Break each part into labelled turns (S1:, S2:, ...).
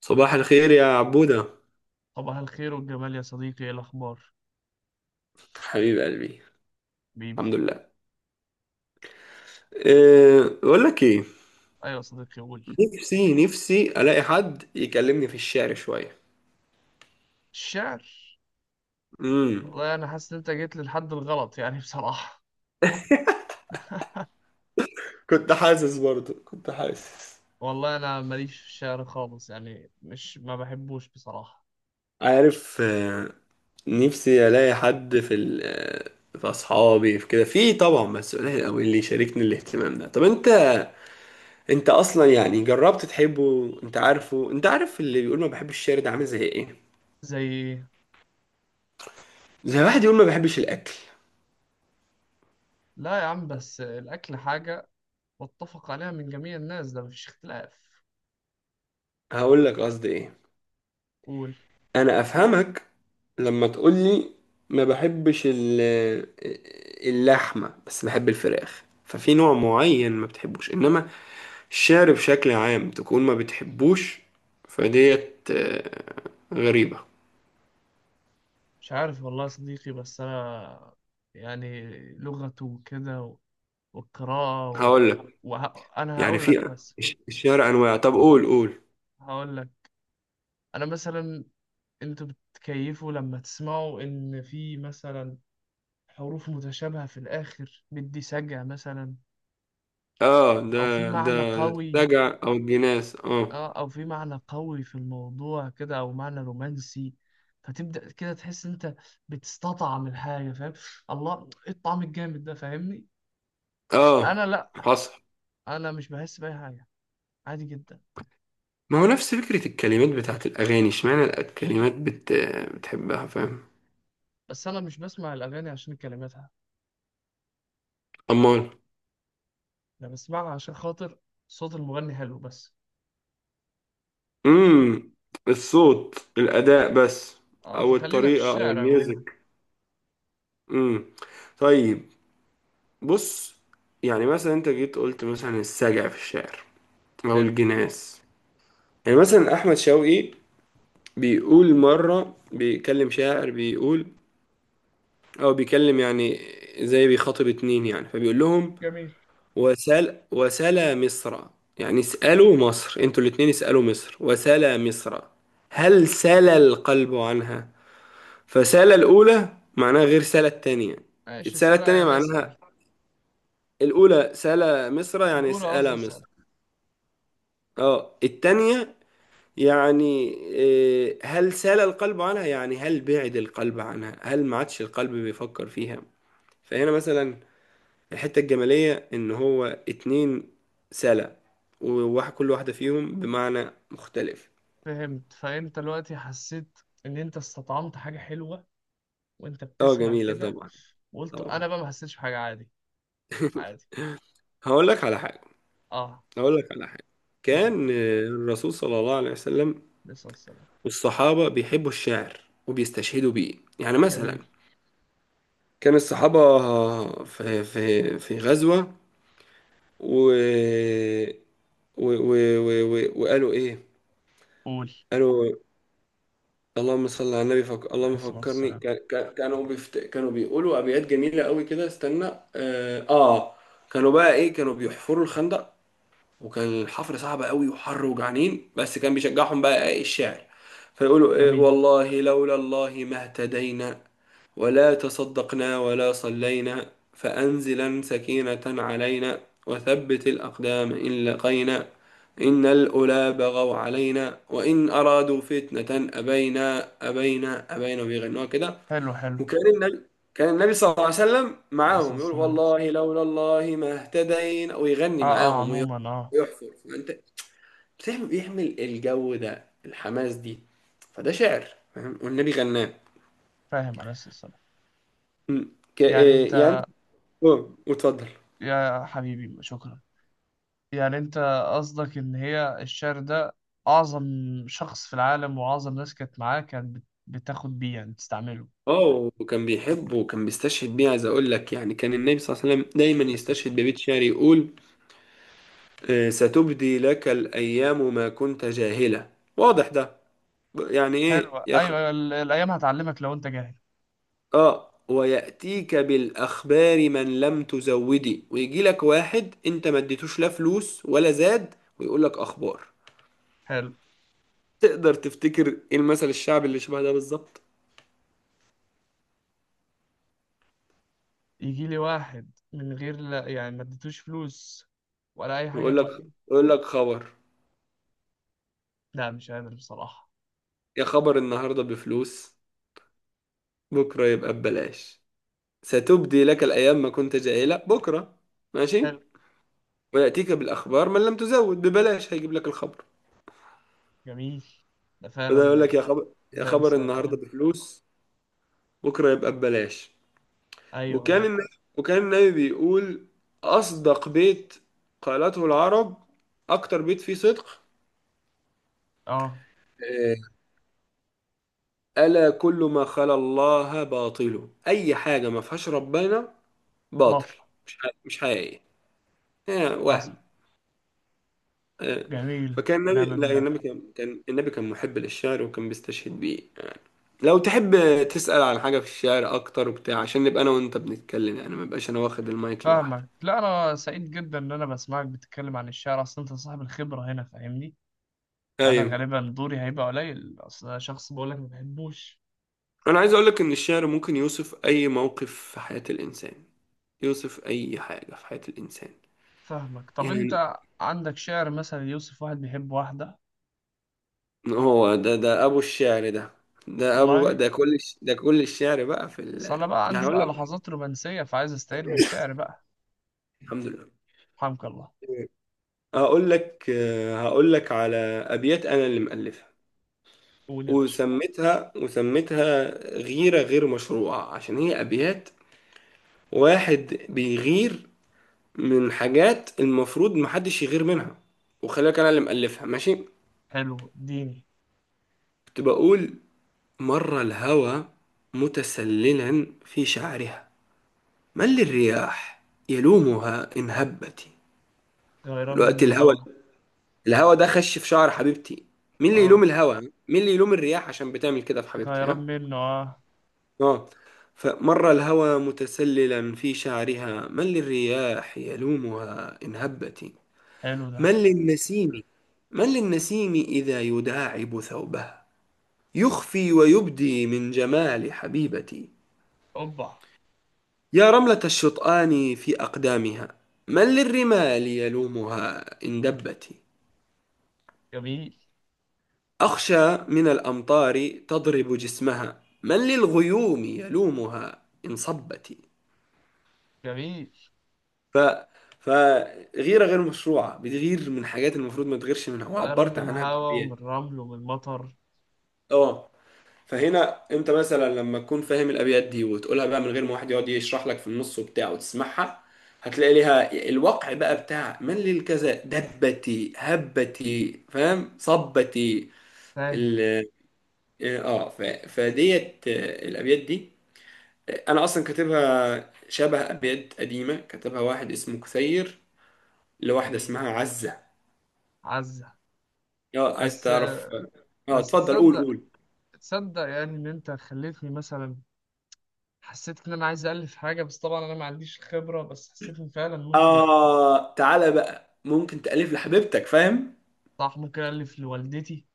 S1: صباح الخير يا عبودة،
S2: صباح الخير والجمال يا صديقي، ايه الاخبار؟
S1: حبيب قلبي.
S2: بيبي.
S1: الحمد لله. بقول لك ايه.
S2: ايوه يا صديقي، قول.
S1: نفسي نفسي الاقي حد يكلمني في الشعر شوية.
S2: الشعر.
S1: امم
S2: والله انا حاسس ان انت جيت للحد الغلط يعني بصراحه.
S1: كنت حاسس، برضو كنت حاسس.
S2: والله انا ماليش في الشعر خالص، يعني مش ما بحبوش بصراحه.
S1: عارف نفسي الاقي حد في ال في اصحابي، في كده، في طبعا، بس قليل قوي اللي يشاركني الاهتمام ده. طب انت اصلا يعني جربت تحبه؟ انت عارف اللي بيقول ما بحبش الشعر ده عامل زي ايه؟
S2: زي إيه؟
S1: زي واحد يقول ما بحبش الاكل.
S2: لا يا عم، بس الاكل حاجه متفق عليها من جميع الناس، ده مفيش اختلاف.
S1: هقول لك قصدي ايه.
S2: قول.
S1: انا افهمك لما تقولي ما بحبش اللحمه بس بحب الفراخ، ففي نوع معين ما بتحبوش، انما الشعر بشكل عام تكون ما بتحبوش. فديت غريبه.
S2: مش عارف والله يا صديقي، بس انا يعني لغته وكده والقراءه
S1: هقول لك
S2: انا
S1: يعني
S2: هقول لك
S1: في
S2: بس.
S1: الشعر انواع. طب قول قول.
S2: هقول لك. انا مثلا انتوا بتكيفوا لما تسمعوا ان في مثلا حروف متشابهة في الاخر بدي سجع مثلا،
S1: اه، ده
S2: او في
S1: ده
S2: معنى قوي.
S1: رجع او الجناس. اه.
S2: اه او في معنى قوي في الموضوع كده، او معنى رومانسي. فتبدأ كده تحس انت بتستطعم الحاجة، فاهم؟ الله، ايه الطعم الجامد ده، فاهمني؟ انا
S1: اه
S2: لا.
S1: حصل.
S2: انا مش بحس بأي حاجة، عادي جدا.
S1: ما هو نفس فكره الكلمات بتاعت الاغاني، اشمعنى الكلمات بتحبها؟ فاهم.
S2: بس انا مش بسمع الاغاني عشان كلماتها،
S1: امال.
S2: انا بسمعها عشان خاطر صوت المغني حلو بس.
S1: امم الصوت، الأداء بس.
S2: اه
S1: أو
S2: فخلينا في
S1: الطريقة أو
S2: الشعر عموما.
S1: الميوزك. امم طيب، بص. يعني مثلا أنت جيت قلت مثلا السجع في الشعر أو
S2: حلو.
S1: الجناس. يعني مثلا أحمد شوقي بيقول مرة بيكلم شاعر، بيقول أو بيكلم، يعني زي بيخاطب اتنين، يعني فبيقول لهم
S2: جميل.
S1: وسل وسلا مصر. يعني اسألوا مصر، انتوا الاتنين اسألوا مصر. وسلا مصر هل سلا القلب عنها. فسالة الأولى معناها غير سالة التانية.
S2: ماشي،
S1: السالة
S2: سارة
S1: التانية
S2: يعني اسأل.
S1: معناها، الأولى سالة مصر يعني
S2: الأولى قصدي
S1: سألة
S2: اسأل.
S1: مصر. اه التانية يعني إيه، هل سال القلب عنها، يعني هل بعد القلب عنها، هل ما عادش القلب بيفكر فيها. فهنا مثلا الحتة الجمالية إن هو اتنين سالة، وواحد كل واحدة فيهم بمعنى مختلف.
S2: فهمت. فأنت دلوقتي حسيت إن أنت استطعمت حاجة حلوة وأنت
S1: اه
S2: بتسمع
S1: جميلة
S2: كده،
S1: طبعا.
S2: وقلت
S1: طبعا.
S2: أنا بقى ما حسيتش بحاجة، عادي. عادي.
S1: هقول لك على حاجة.
S2: أه.
S1: هقول لك على حاجة.
S2: قول.
S1: كان الرسول صلى الله عليه وسلم
S2: عليه الصلاة والسلام.
S1: والصحابة بيحبوا الشعر وبيستشهدوا بيه. يعني مثلا
S2: جميل.
S1: كان الصحابة في في غزوة و و و و و وقالوا إيه؟
S2: قول.
S1: قالوا اللهم صل على النبي.
S2: عليه
S1: اللهم
S2: الصلاة
S1: فكرني.
S2: والسلام.
S1: كانوا بيقولوا أبيات جميلة قوي كده. استنى آه... آه كانوا بقى إيه، كانوا بيحفروا الخندق. وكان الحفر صعب قوي وحر وجعانين، بس كان بيشجعهم بقى إيه؟ الشعر. فيقولوا إيه
S2: جميل.
S1: والله لولا الله ما اهتدينا ولا تصدقنا ولا صلينا، فأنزلا سكينة علينا وثبت الأقدام إن لقينا، إن الأولى بغوا علينا وإن أرادوا فتنة أبينا أبينا أبينا. وبيغنوها كده.
S2: حلو، حلو.
S1: وكان النبي، كان النبي صلى الله عليه وسلم
S2: عليه الصلاة
S1: معاهم يقول
S2: والسلام.
S1: والله لولا الله ما اهتدينا، ويغني
S2: أه، أه،
S1: معاهم
S2: عموما أه.
S1: ويحفر. فأنت بيعمل الجو ده، الحماس دي، فده شعر. فاهم؟ والنبي غناه.
S2: فاهم. عليه الصلاة والسلام.
S1: م. ك-
S2: يعني
S1: آه، يعني.
S2: أنت.
S1: اه واتفضل.
S2: يا حبيبي، شكرا. يعني انت قصدك ان هي الشعر ده اعظم شخص في العالم، واعظم ناس كانت معاه كانت بتاخد بيه يعني تستعمله.
S1: اه وكان بيحبه وكان بيستشهد بيه. عايز اقول لك، يعني كان النبي صلى الله عليه وسلم دايما
S2: بس
S1: يستشهد
S2: السلام.
S1: ببيت شعر، يقول ستبدي لك الايام ما كنت جاهلة. واضح ده، يعني
S2: حلو،
S1: ايه
S2: ايوه. ايوه الايام هتعلمك لو انت جاهل.
S1: اه، وياتيك بالاخبار من لم تزودي. ويجي لك واحد انت ما اديتوش لا فلوس ولا زاد ويقول لك اخبار.
S2: حلو.
S1: تقدر تفتكر ايه المثل الشعبي اللي شبه ده بالظبط؟
S2: يجي لي واحد من غير، لا يعني ما اديتوش فلوس ولا اي حاجه
S1: يقول لك،
S2: من دي.
S1: يقول لك خبر،
S2: لا مش قادر بصراحه.
S1: يا خبر النهارده بفلوس بكرة يبقى ببلاش. ستبدي لك الأيام ما كنت جاهلة بكرة، ماشي.
S2: حلو.
S1: ويأتيك بالأخبار من لم تزود، ببلاش هيجيب لك الخبر.
S2: جميل. ده
S1: بدل يقول
S2: فعلا
S1: لك يا خبر، يا
S2: زي
S1: خبر
S2: مثال. اه
S1: النهاردة بفلوس بكرة يبقى ببلاش.
S2: ايوه
S1: وكان النبي وكان النبي بيقول
S2: بس السلام.
S1: أصدق بيت قالته العرب، أكتر بيت فيه صدق
S2: اه
S1: آه، ألا كل ما خلا الله باطله. أي حاجة ما فيهاش ربنا باطل،
S2: بطل.
S1: مش حقيقي
S2: حصل.
S1: وهم. آه،
S2: جميل
S1: فكان النبي
S2: ونعم
S1: لا
S2: بالله.
S1: النبي كان كان النبي كان محب للشعر وكان بيستشهد بيه. لو تحب تسأل عن حاجة في الشعر أكتر وبتاع عشان نبقى أنا وأنت بنتكلم، يعني ما بقاش أنا واخد المايك لوحدي.
S2: فاهمك. لا انا سعيد جدا ان انا بسمعك بتتكلم عن الشعر، اصلا انت صاحب الخبره هنا فاهمني. فانا
S1: أيوة،
S2: غالبا دوري هيبقى قليل، اصل أنا شخص بقول لك ما بحبوش.
S1: أنا عايز أقولك إن الشعر ممكن يوصف أي موقف في حياة الإنسان، يوصف أي حاجة في حياة الإنسان.
S2: فاهمك. طب
S1: يعني
S2: انت عندك شعر مثلا يوصف واحد بيحب واحده؟
S1: هو ده أبو الشعر ده. ده أبو بقى،
S2: والله.
S1: ده كل الشعر بقى في ال.
S2: بس انا بقى
S1: يعني
S2: عندي
S1: أقول
S2: بقى
S1: لك
S2: لحظات رومانسيه، فعايز استعير بالشعر بقى.
S1: الحمد لله.
S2: حمك الله.
S1: هقول لك هقول لك على أبيات أنا اللي مألفها،
S2: قول يا باشا.
S1: وسميتها غيرة غير مشروعة عشان هي أبيات واحد بيغير من حاجات المفروض محدش يغير منها. وخليك أنا اللي مألفها، ماشي.
S2: حلو، اديني.
S1: كنت بقول مر الهوى متسللا في شعرها، من للرياح يلومها إن هبت.
S2: غيران من
S1: دلوقتي الهوى،
S2: الهوى.
S1: الهوى ده خش في شعر حبيبتي، مين اللي
S2: اه.
S1: يلوم الهوى؟ مين اللي يلوم الرياح عشان بتعمل كده في حبيبتي؟
S2: غيران
S1: ها؟
S2: منه، اه.
S1: آه. فمر الهوى متسللا في شعرها، من للرياح يلومها إن هبت.
S2: حلو ده.
S1: من للنسيم، من للنسيم إذا يداعب ثوبها، يخفي ويبدي من جمال حبيبتي.
S2: اوبا.
S1: يا رملة الشطآن في أقدامها، من للرمال يلومها إن دبت.
S2: جميل.
S1: أخشى من الأمطار تضرب جسمها، من للغيوم يلومها إن صبت.
S2: جميل.
S1: ف فغيره غير مشروعه، بتغير من حاجات المفروض ما تغيرش منها،
S2: غيران من
S1: وعبرت عنها
S2: الهوى ومن
S1: بابيات.
S2: الرمل ومن المطر.
S1: اه فهنا انت مثلا لما تكون فاهم الابيات دي وتقولها بقى من غير ما واحد يقعد يشرح لك في النص وبتاع، وتسمعها هتلاقي ليها الوقع بقى بتاع من للكذا دبتي هبتي، فاهم، صبتي.
S2: فاهم.
S1: ال اه ف... فديت الابيات دي انا اصلا كاتبها شبه ابيات قديمه كتبها واحد اسمه كثير، لواحده
S2: جميل.
S1: اسمها عزه.
S2: عزة.
S1: اه عايز
S2: بس.
S1: تعرف؟ اه
S2: بس
S1: اتفضل قول
S2: تصدق،
S1: قول.
S2: تصدق يعني ان انت خليتني مثلا حسيت ان انا عايز الف حاجه، بس طبعا انا ما عنديش خبره، بس حسيت ان فعلا ممكن.
S1: اه تعالى بقى، ممكن تألف لحبيبتك، فاهم؟
S2: صح، ممكن الف لوالدتي،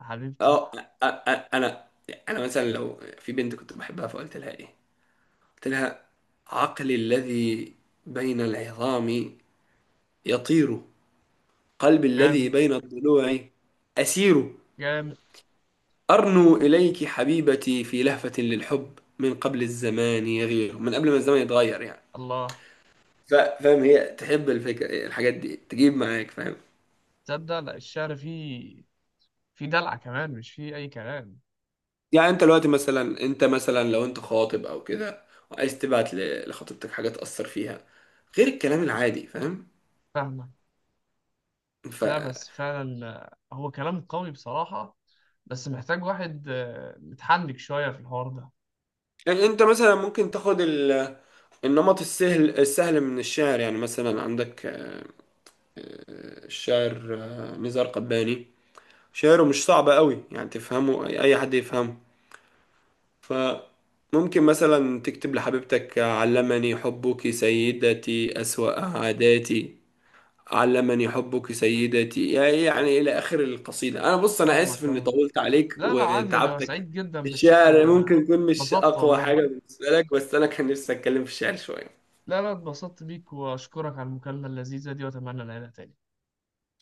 S2: حبيبتي.
S1: اه أ- انا انا مثلا لو في بنت كنت بحبها، فقلت لها ايه؟ قلت لها عقلي الذي بين العظام يطير، قلبي
S2: جامد.
S1: الذي بين الضلوع أسير،
S2: جامد.
S1: أرنو إليك حبيبتي في لهفة للحب من قبل الزمان يغير. من قبل ما الزمان يتغير، يعني.
S2: الله.
S1: فاهم؟ هي تحب الفكرة، الحاجات دي تجيب معاك، فاهم؟
S2: تصدق، لا الشعر فيه دلعه كمان، مش فيه اي كلام.
S1: يعني انت دلوقتي مثلا، انت مثلا لو انت خاطب او كده وعايز تبعت لخطيبتك حاجه تأثر فيها غير الكلام العادي، فاهم؟
S2: فاهمك.
S1: ف
S2: لا بس فعلا هو كلام قوي بصراحه، بس محتاج واحد متحنك شويه في الحوار ده.
S1: يعني انت مثلا ممكن تاخد النمط السهل السهل من الشعر. يعني مثلا عندك الشاعر نزار قباني، شعره مش صعب قوي، يعني تفهمه، اي أي حد يفهمه. فممكن مثلا تكتب لحبيبتك علمني حبك سيدتي أسوأ عاداتي، علمني حبك سيدتي، يعني إلى آخر القصيدة. أنا بص أنا آسف
S2: فاهمك
S1: إني
S2: اه.
S1: طولت عليك
S2: لا لا عادي، انا
S1: وتعبتك.
S2: سعيد جدا بالشعر
S1: الشعر
S2: ده انا.
S1: ممكن يكون مش
S2: اتبسطت
S1: أقوى
S2: والله.
S1: حاجة بالنسبة لك، بس أنا كان نفسي أتكلم في الشعر شوية.
S2: لا لا اتبسطت بيك، واشكرك على المكالمة اللذيذة دي، واتمنى نعيدها تاني.